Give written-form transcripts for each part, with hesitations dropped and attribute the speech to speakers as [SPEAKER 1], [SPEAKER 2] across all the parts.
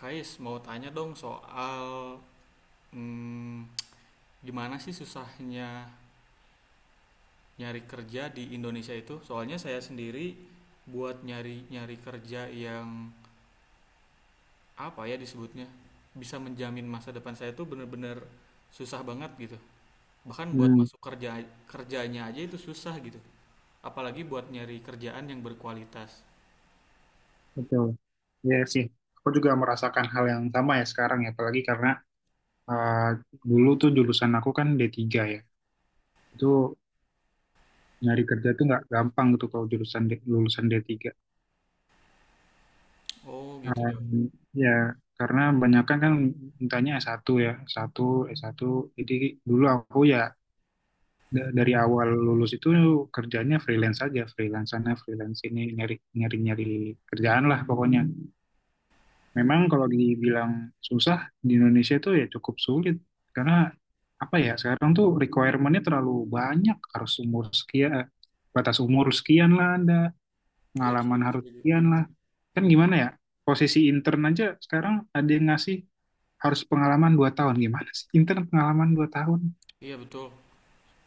[SPEAKER 1] Kais, mau tanya dong soal hmm, gimana sih susahnya nyari kerja di Indonesia itu? Soalnya saya sendiri buat nyari-nyari kerja yang apa ya disebutnya bisa menjamin masa depan saya itu bener-bener susah banget gitu. Bahkan buat
[SPEAKER 2] Hmm,
[SPEAKER 1] masuk kerjanya aja itu susah gitu. Apalagi buat nyari kerjaan yang berkualitas.
[SPEAKER 2] betul. Ya sih, aku juga merasakan hal yang sama ya sekarang ya, apalagi karena eh, dulu tuh jurusan aku kan D3 ya. Itu nyari kerja tuh nggak gampang gitu kalau jurusan lulusan D3.
[SPEAKER 1] Oh gitu
[SPEAKER 2] Eh,
[SPEAKER 1] ya.
[SPEAKER 2] Ya karena banyakan kan mintanya S1 ya, S1, S1. Jadi dulu aku ya dari awal lulus itu kerjanya freelance aja, freelance sana, freelance sini, nyari nyari nyari kerjaan lah pokoknya. Memang kalau dibilang susah di Indonesia itu ya cukup sulit, karena apa ya sekarang tuh requirement-nya terlalu banyak, harus umur sekian batas umur sekian lah, ada
[SPEAKER 1] Iya,
[SPEAKER 2] pengalaman
[SPEAKER 1] setuju
[SPEAKER 2] harus
[SPEAKER 1] setuju.
[SPEAKER 2] sekian lah. Kan gimana ya, posisi intern aja sekarang ada yang ngasih harus pengalaman 2 tahun. Gimana sih intern pengalaman 2 tahun?
[SPEAKER 1] Iya betul.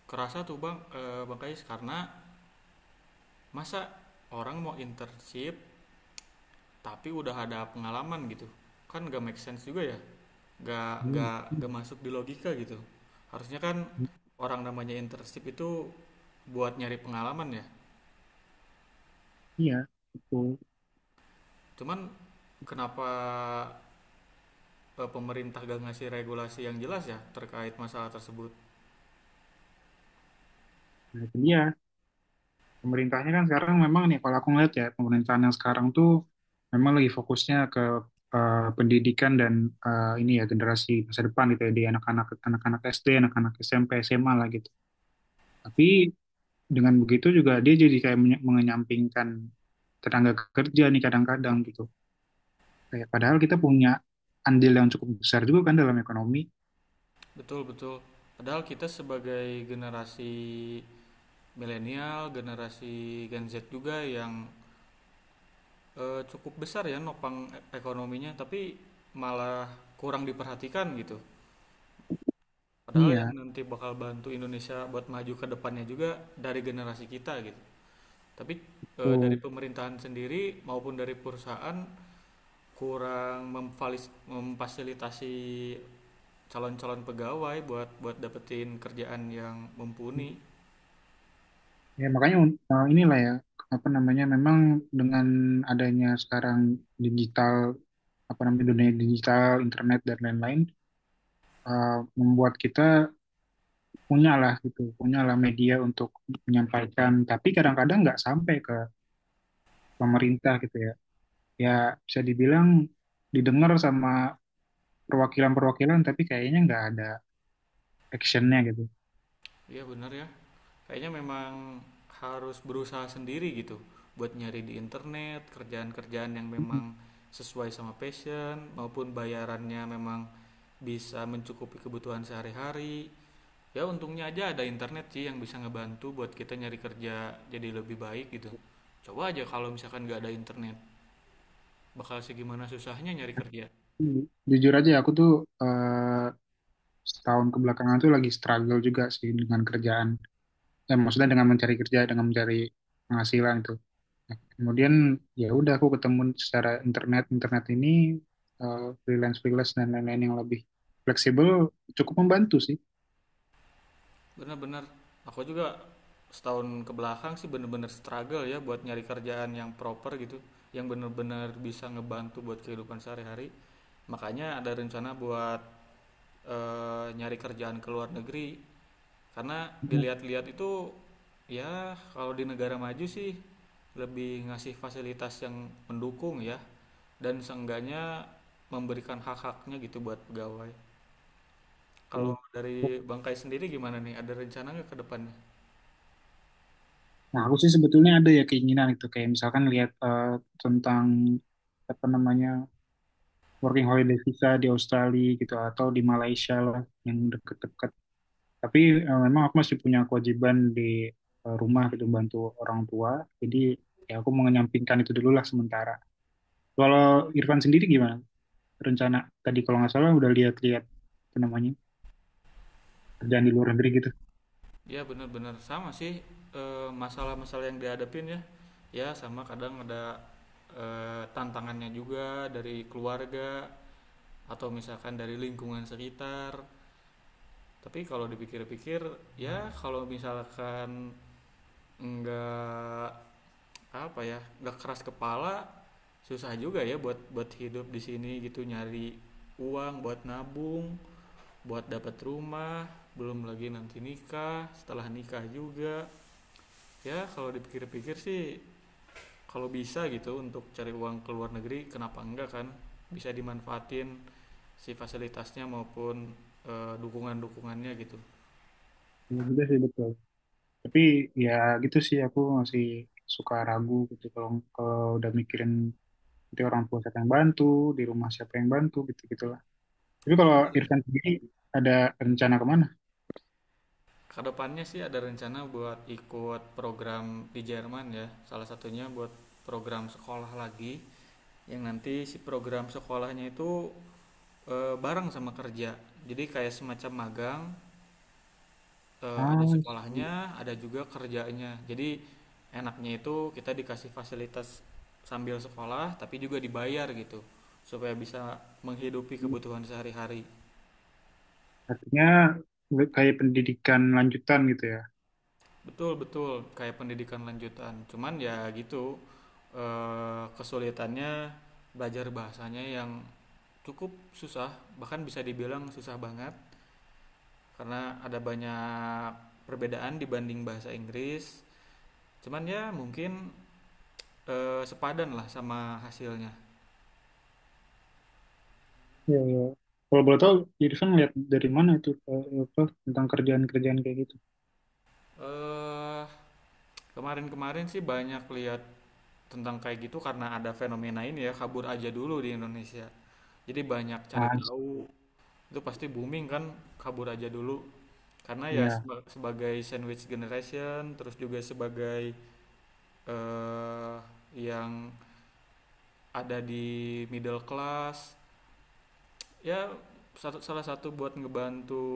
[SPEAKER 1] Kerasa tuh bang, bang Kais, karena masa orang mau internship tapi udah ada pengalaman gitu, kan gak make sense juga ya, gak
[SPEAKER 2] Hmm,
[SPEAKER 1] gak
[SPEAKER 2] hmm,
[SPEAKER 1] gak masuk di logika gitu. Harusnya kan
[SPEAKER 2] hmm.
[SPEAKER 1] orang namanya internship itu buat nyari pengalaman ya.
[SPEAKER 2] Iya betul.
[SPEAKER 1] Cuman kenapa pemerintah gak ngasih regulasi yang jelas ya terkait masalah tersebut.
[SPEAKER 2] Nah itu dia, pemerintahnya kan sekarang memang nih, kalau aku ngeliat ya pemerintahan yang sekarang tuh memang lagi fokusnya ke pendidikan dan ini ya generasi masa depan gitu ya, di anak-anak SD, anak-anak SMP, SMA lah gitu. Tapi dengan begitu juga dia jadi kayak mengenyampingkan tenaga kerja nih kadang-kadang gitu. Kayak padahal kita punya andil yang cukup besar juga kan dalam ekonomi.
[SPEAKER 1] Betul betul, padahal kita sebagai generasi milenial, generasi Gen Z juga, yang cukup besar ya nopang ekonominya, tapi malah kurang diperhatikan gitu. Padahal yang
[SPEAKER 2] Iya,
[SPEAKER 1] nanti bakal bantu Indonesia buat maju ke depannya juga dari generasi kita gitu. Tapi dari
[SPEAKER 2] tuh.
[SPEAKER 1] pemerintahan sendiri maupun dari perusahaan kurang memfasilitasi calon-calon pegawai buat buat dapetin kerjaan yang mumpuni.
[SPEAKER 2] Ya, makanya inilah ya, apa namanya, memang dengan adanya sekarang digital, apa namanya, dunia digital, internet, dan lain-lain, uh, membuat kita punyalah gitu, punyalah media untuk menyampaikan, tapi kadang-kadang nggak sampai ke pemerintah gitu ya. Ya, bisa dibilang didengar sama perwakilan-perwakilan, tapi kayaknya nggak ada actionnya gitu.
[SPEAKER 1] Iya benar ya. Kayaknya memang harus berusaha sendiri gitu, buat nyari di internet kerjaan-kerjaan yang memang sesuai sama passion, maupun bayarannya memang bisa mencukupi kebutuhan sehari-hari. Ya untungnya aja ada internet sih yang bisa ngebantu buat kita nyari kerja jadi lebih baik gitu. Coba aja kalau misalkan nggak ada internet, bakal segimana susahnya nyari kerja.
[SPEAKER 2] Mm-hmm. Jujur aja, aku tuh eh, setahun kebelakangan tuh lagi struggle juga sih dengan kerjaan, maksudnya dengan mencari kerja, dengan mencari penghasilan itu. Nah, kemudian ya udah aku ketemu secara internet internet ini, freelance freelance dan lain-lain yang lebih fleksibel, cukup membantu sih.
[SPEAKER 1] Bener-bener, aku juga setahun kebelakang sih bener-bener struggle ya buat nyari kerjaan yang proper gitu, yang bener-bener bisa ngebantu buat kehidupan sehari-hari. Makanya ada rencana buat nyari kerjaan ke luar negeri, karena dilihat-lihat itu ya kalau di negara maju sih lebih ngasih fasilitas yang mendukung ya, dan seenggaknya memberikan hak-haknya gitu buat pegawai. Kalau dari
[SPEAKER 2] Gitu.
[SPEAKER 1] Bangkai sendiri gimana nih? Ada rencana nggak ke depannya?
[SPEAKER 2] Nah, aku sih sebetulnya ada ya keinginan itu, kayak misalkan lihat tentang apa namanya working holiday visa di Australia gitu, atau di Malaysia lah yang deket-deket. Tapi memang aku masih punya kewajiban di rumah gitu, bantu orang tua. Jadi ya aku mengenyampingkan itu dulu lah sementara. Kalau Irfan sendiri gimana? Rencana tadi kalau nggak salah udah lihat-lihat apa namanya kerjaan di luar negeri gitu.
[SPEAKER 1] Ya benar benar, sama sih masalah-masalah yang dihadapin ya. Ya sama, kadang ada tantangannya juga dari keluarga atau misalkan dari lingkungan sekitar. Tapi kalau dipikir-pikir ya kalau misalkan nggak, apa ya, nggak keras kepala, susah juga ya buat buat hidup di sini gitu, nyari uang buat nabung, buat dapat rumah, belum lagi nanti nikah, setelah nikah juga. Ya kalau dipikir-pikir sih, kalau bisa gitu untuk cari uang ke luar negeri kenapa enggak kan, bisa dimanfaatin si fasilitasnya maupun dukungan-dukungannya gitu.
[SPEAKER 2] Ya, gitu sih betul. Tapi ya gitu sih aku masih suka ragu gitu, kalau kalau udah mikirin nanti orang tua siapa yang bantu, di rumah siapa yang bantu, gitu gitulah. Tapi
[SPEAKER 1] Ya
[SPEAKER 2] kalau
[SPEAKER 1] bener ya.
[SPEAKER 2] Irfan sendiri ada rencana kemana?
[SPEAKER 1] Kedepannya sih ada rencana buat ikut program di Jerman ya. Salah satunya buat program sekolah lagi, yang nanti si program sekolahnya itu bareng sama kerja. Jadi kayak semacam magang,
[SPEAKER 2] Ah,
[SPEAKER 1] ada
[SPEAKER 2] I
[SPEAKER 1] sekolahnya, ada juga kerjanya. Jadi enaknya itu kita dikasih fasilitas sambil sekolah, tapi juga dibayar gitu, supaya bisa menghidupi
[SPEAKER 2] see.
[SPEAKER 1] kebutuhan sehari-hari.
[SPEAKER 2] Artinya kayak pendidikan lanjutan gitu ya.
[SPEAKER 1] Betul betul, kayak pendidikan lanjutan. Cuman ya gitu, kesulitannya belajar bahasanya yang cukup susah, bahkan bisa dibilang susah banget, karena ada banyak perbedaan dibanding bahasa Inggris. Cuman ya mungkin sepadan lah sama hasilnya.
[SPEAKER 2] Iya, iya. Kalau boleh tahu, Irfan lihat dari mana itu apa, tentang kerjaan-kerjaan kayak gitu?
[SPEAKER 1] eh Kemarin-kemarin sih banyak lihat tentang kayak gitu, karena ada fenomena ini ya, kabur aja dulu di Indonesia, jadi banyak cari
[SPEAKER 2] Ah,
[SPEAKER 1] tahu.
[SPEAKER 2] sih,
[SPEAKER 1] Itu pasti booming kan, kabur aja dulu, karena ya
[SPEAKER 2] iya.
[SPEAKER 1] sebagai sandwich generation, terus juga sebagai eh yang ada di middle class ya, satu, salah satu buat ngebantu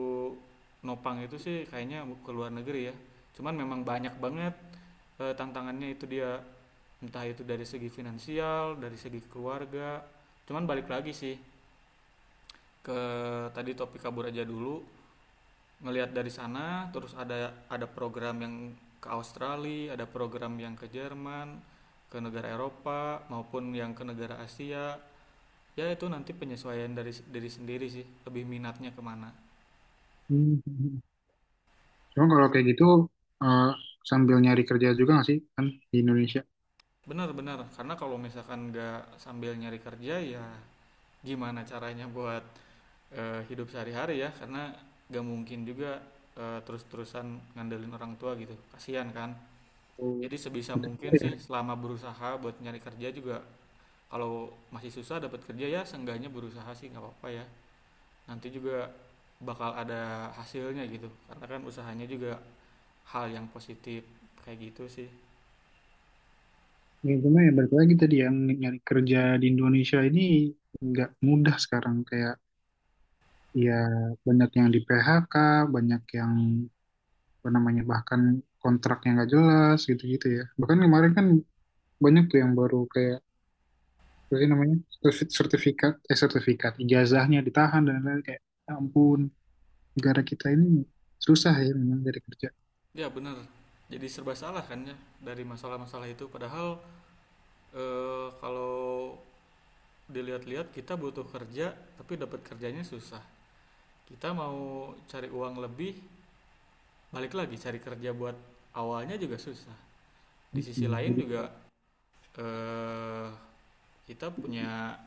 [SPEAKER 1] nopang itu sih kayaknya ke luar negeri ya. Cuman memang banyak banget tantangannya itu dia, entah itu dari segi finansial, dari segi keluarga. Cuman balik lagi sih ke tadi topik kabur aja dulu, ngelihat dari sana, terus ada program yang ke Australia, ada program yang ke Jerman, ke negara Eropa maupun yang ke negara Asia. Ya itu nanti penyesuaian dari diri sendiri sih, lebih minatnya kemana.
[SPEAKER 2] Hmm. Cuma kalau kayak gitu eh, sambil nyari kerja juga nggak sih kan di Indonesia?
[SPEAKER 1] Benar-benar, karena kalau misalkan nggak sambil nyari kerja ya gimana caranya buat hidup sehari-hari ya, karena nggak mungkin juga terus-terusan ngandelin orang tua gitu, kasihan kan.
[SPEAKER 2] Hmm.
[SPEAKER 1] Jadi sebisa
[SPEAKER 2] Itu juga
[SPEAKER 1] mungkin
[SPEAKER 2] ya.
[SPEAKER 1] sih selama berusaha buat nyari kerja juga, kalau masih susah dapat kerja ya seenggaknya berusaha sih, nggak apa-apa ya. Nanti juga bakal ada hasilnya gitu, karena kan usahanya juga hal yang positif, kayak gitu sih.
[SPEAKER 2] Ya, cuma ya balik lagi tadi yang nyari kerja di Indonesia ini nggak mudah sekarang, kayak ya banyak yang di PHK, banyak yang apa namanya bahkan kontraknya nggak jelas gitu-gitu ya. Bahkan kemarin kan banyak tuh yang baru kayak apa sih namanya, sertifikat ijazahnya ditahan dan lain-lain, kayak "Ya ampun, negara kita ini susah ya memang dari kerja."
[SPEAKER 1] Ya benar, jadi serba salah kan ya dari masalah-masalah itu. Padahal kalau dilihat-lihat kita butuh kerja tapi dapat kerjanya susah. Kita mau cari uang lebih, balik lagi cari kerja buat awalnya juga susah. Di sisi
[SPEAKER 2] Mm-mm.
[SPEAKER 1] lain
[SPEAKER 2] Jadi
[SPEAKER 1] juga
[SPEAKER 2] kayak,
[SPEAKER 1] eh, kita punya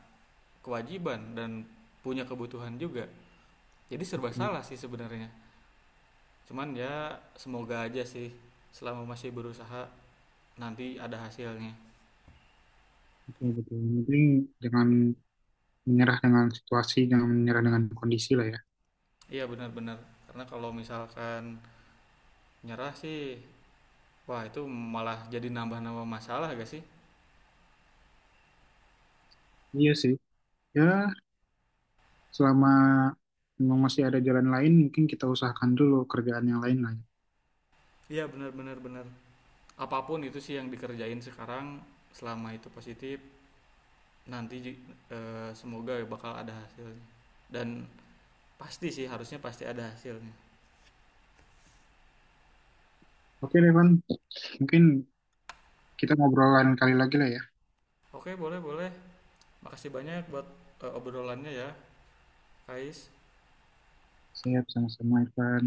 [SPEAKER 1] kewajiban dan punya kebutuhan juga. Jadi serba
[SPEAKER 2] kayak,
[SPEAKER 1] salah sih sebenarnya. Cuman ya semoga aja sih selama masih berusaha nanti ada hasilnya.
[SPEAKER 2] betul betul. Yang penting, jangan menyerah dengan situasi, jangan menyerah dengan kondisi lah ya.
[SPEAKER 1] Iya benar-benar. Karena kalau misalkan nyerah sih, wah, itu malah jadi nambah-nambah masalah gak sih?
[SPEAKER 2] Iya sih, ya selama memang masih ada jalan lain mungkin kita usahakan dulu kerjaan yang lain lah ya.
[SPEAKER 1] Iya, benar benar benar. Apapun itu sih yang dikerjain sekarang, selama itu positif, nanti semoga bakal ada hasilnya. Dan pasti sih, harusnya pasti ada hasilnya.
[SPEAKER 2] Oke Devan, mungkin kita ngobrolan kali lagi lah ya.
[SPEAKER 1] Oke, boleh boleh. Makasih banyak buat obrolannya ya, Kais.
[SPEAKER 2] Siap, sama-sama Irfan.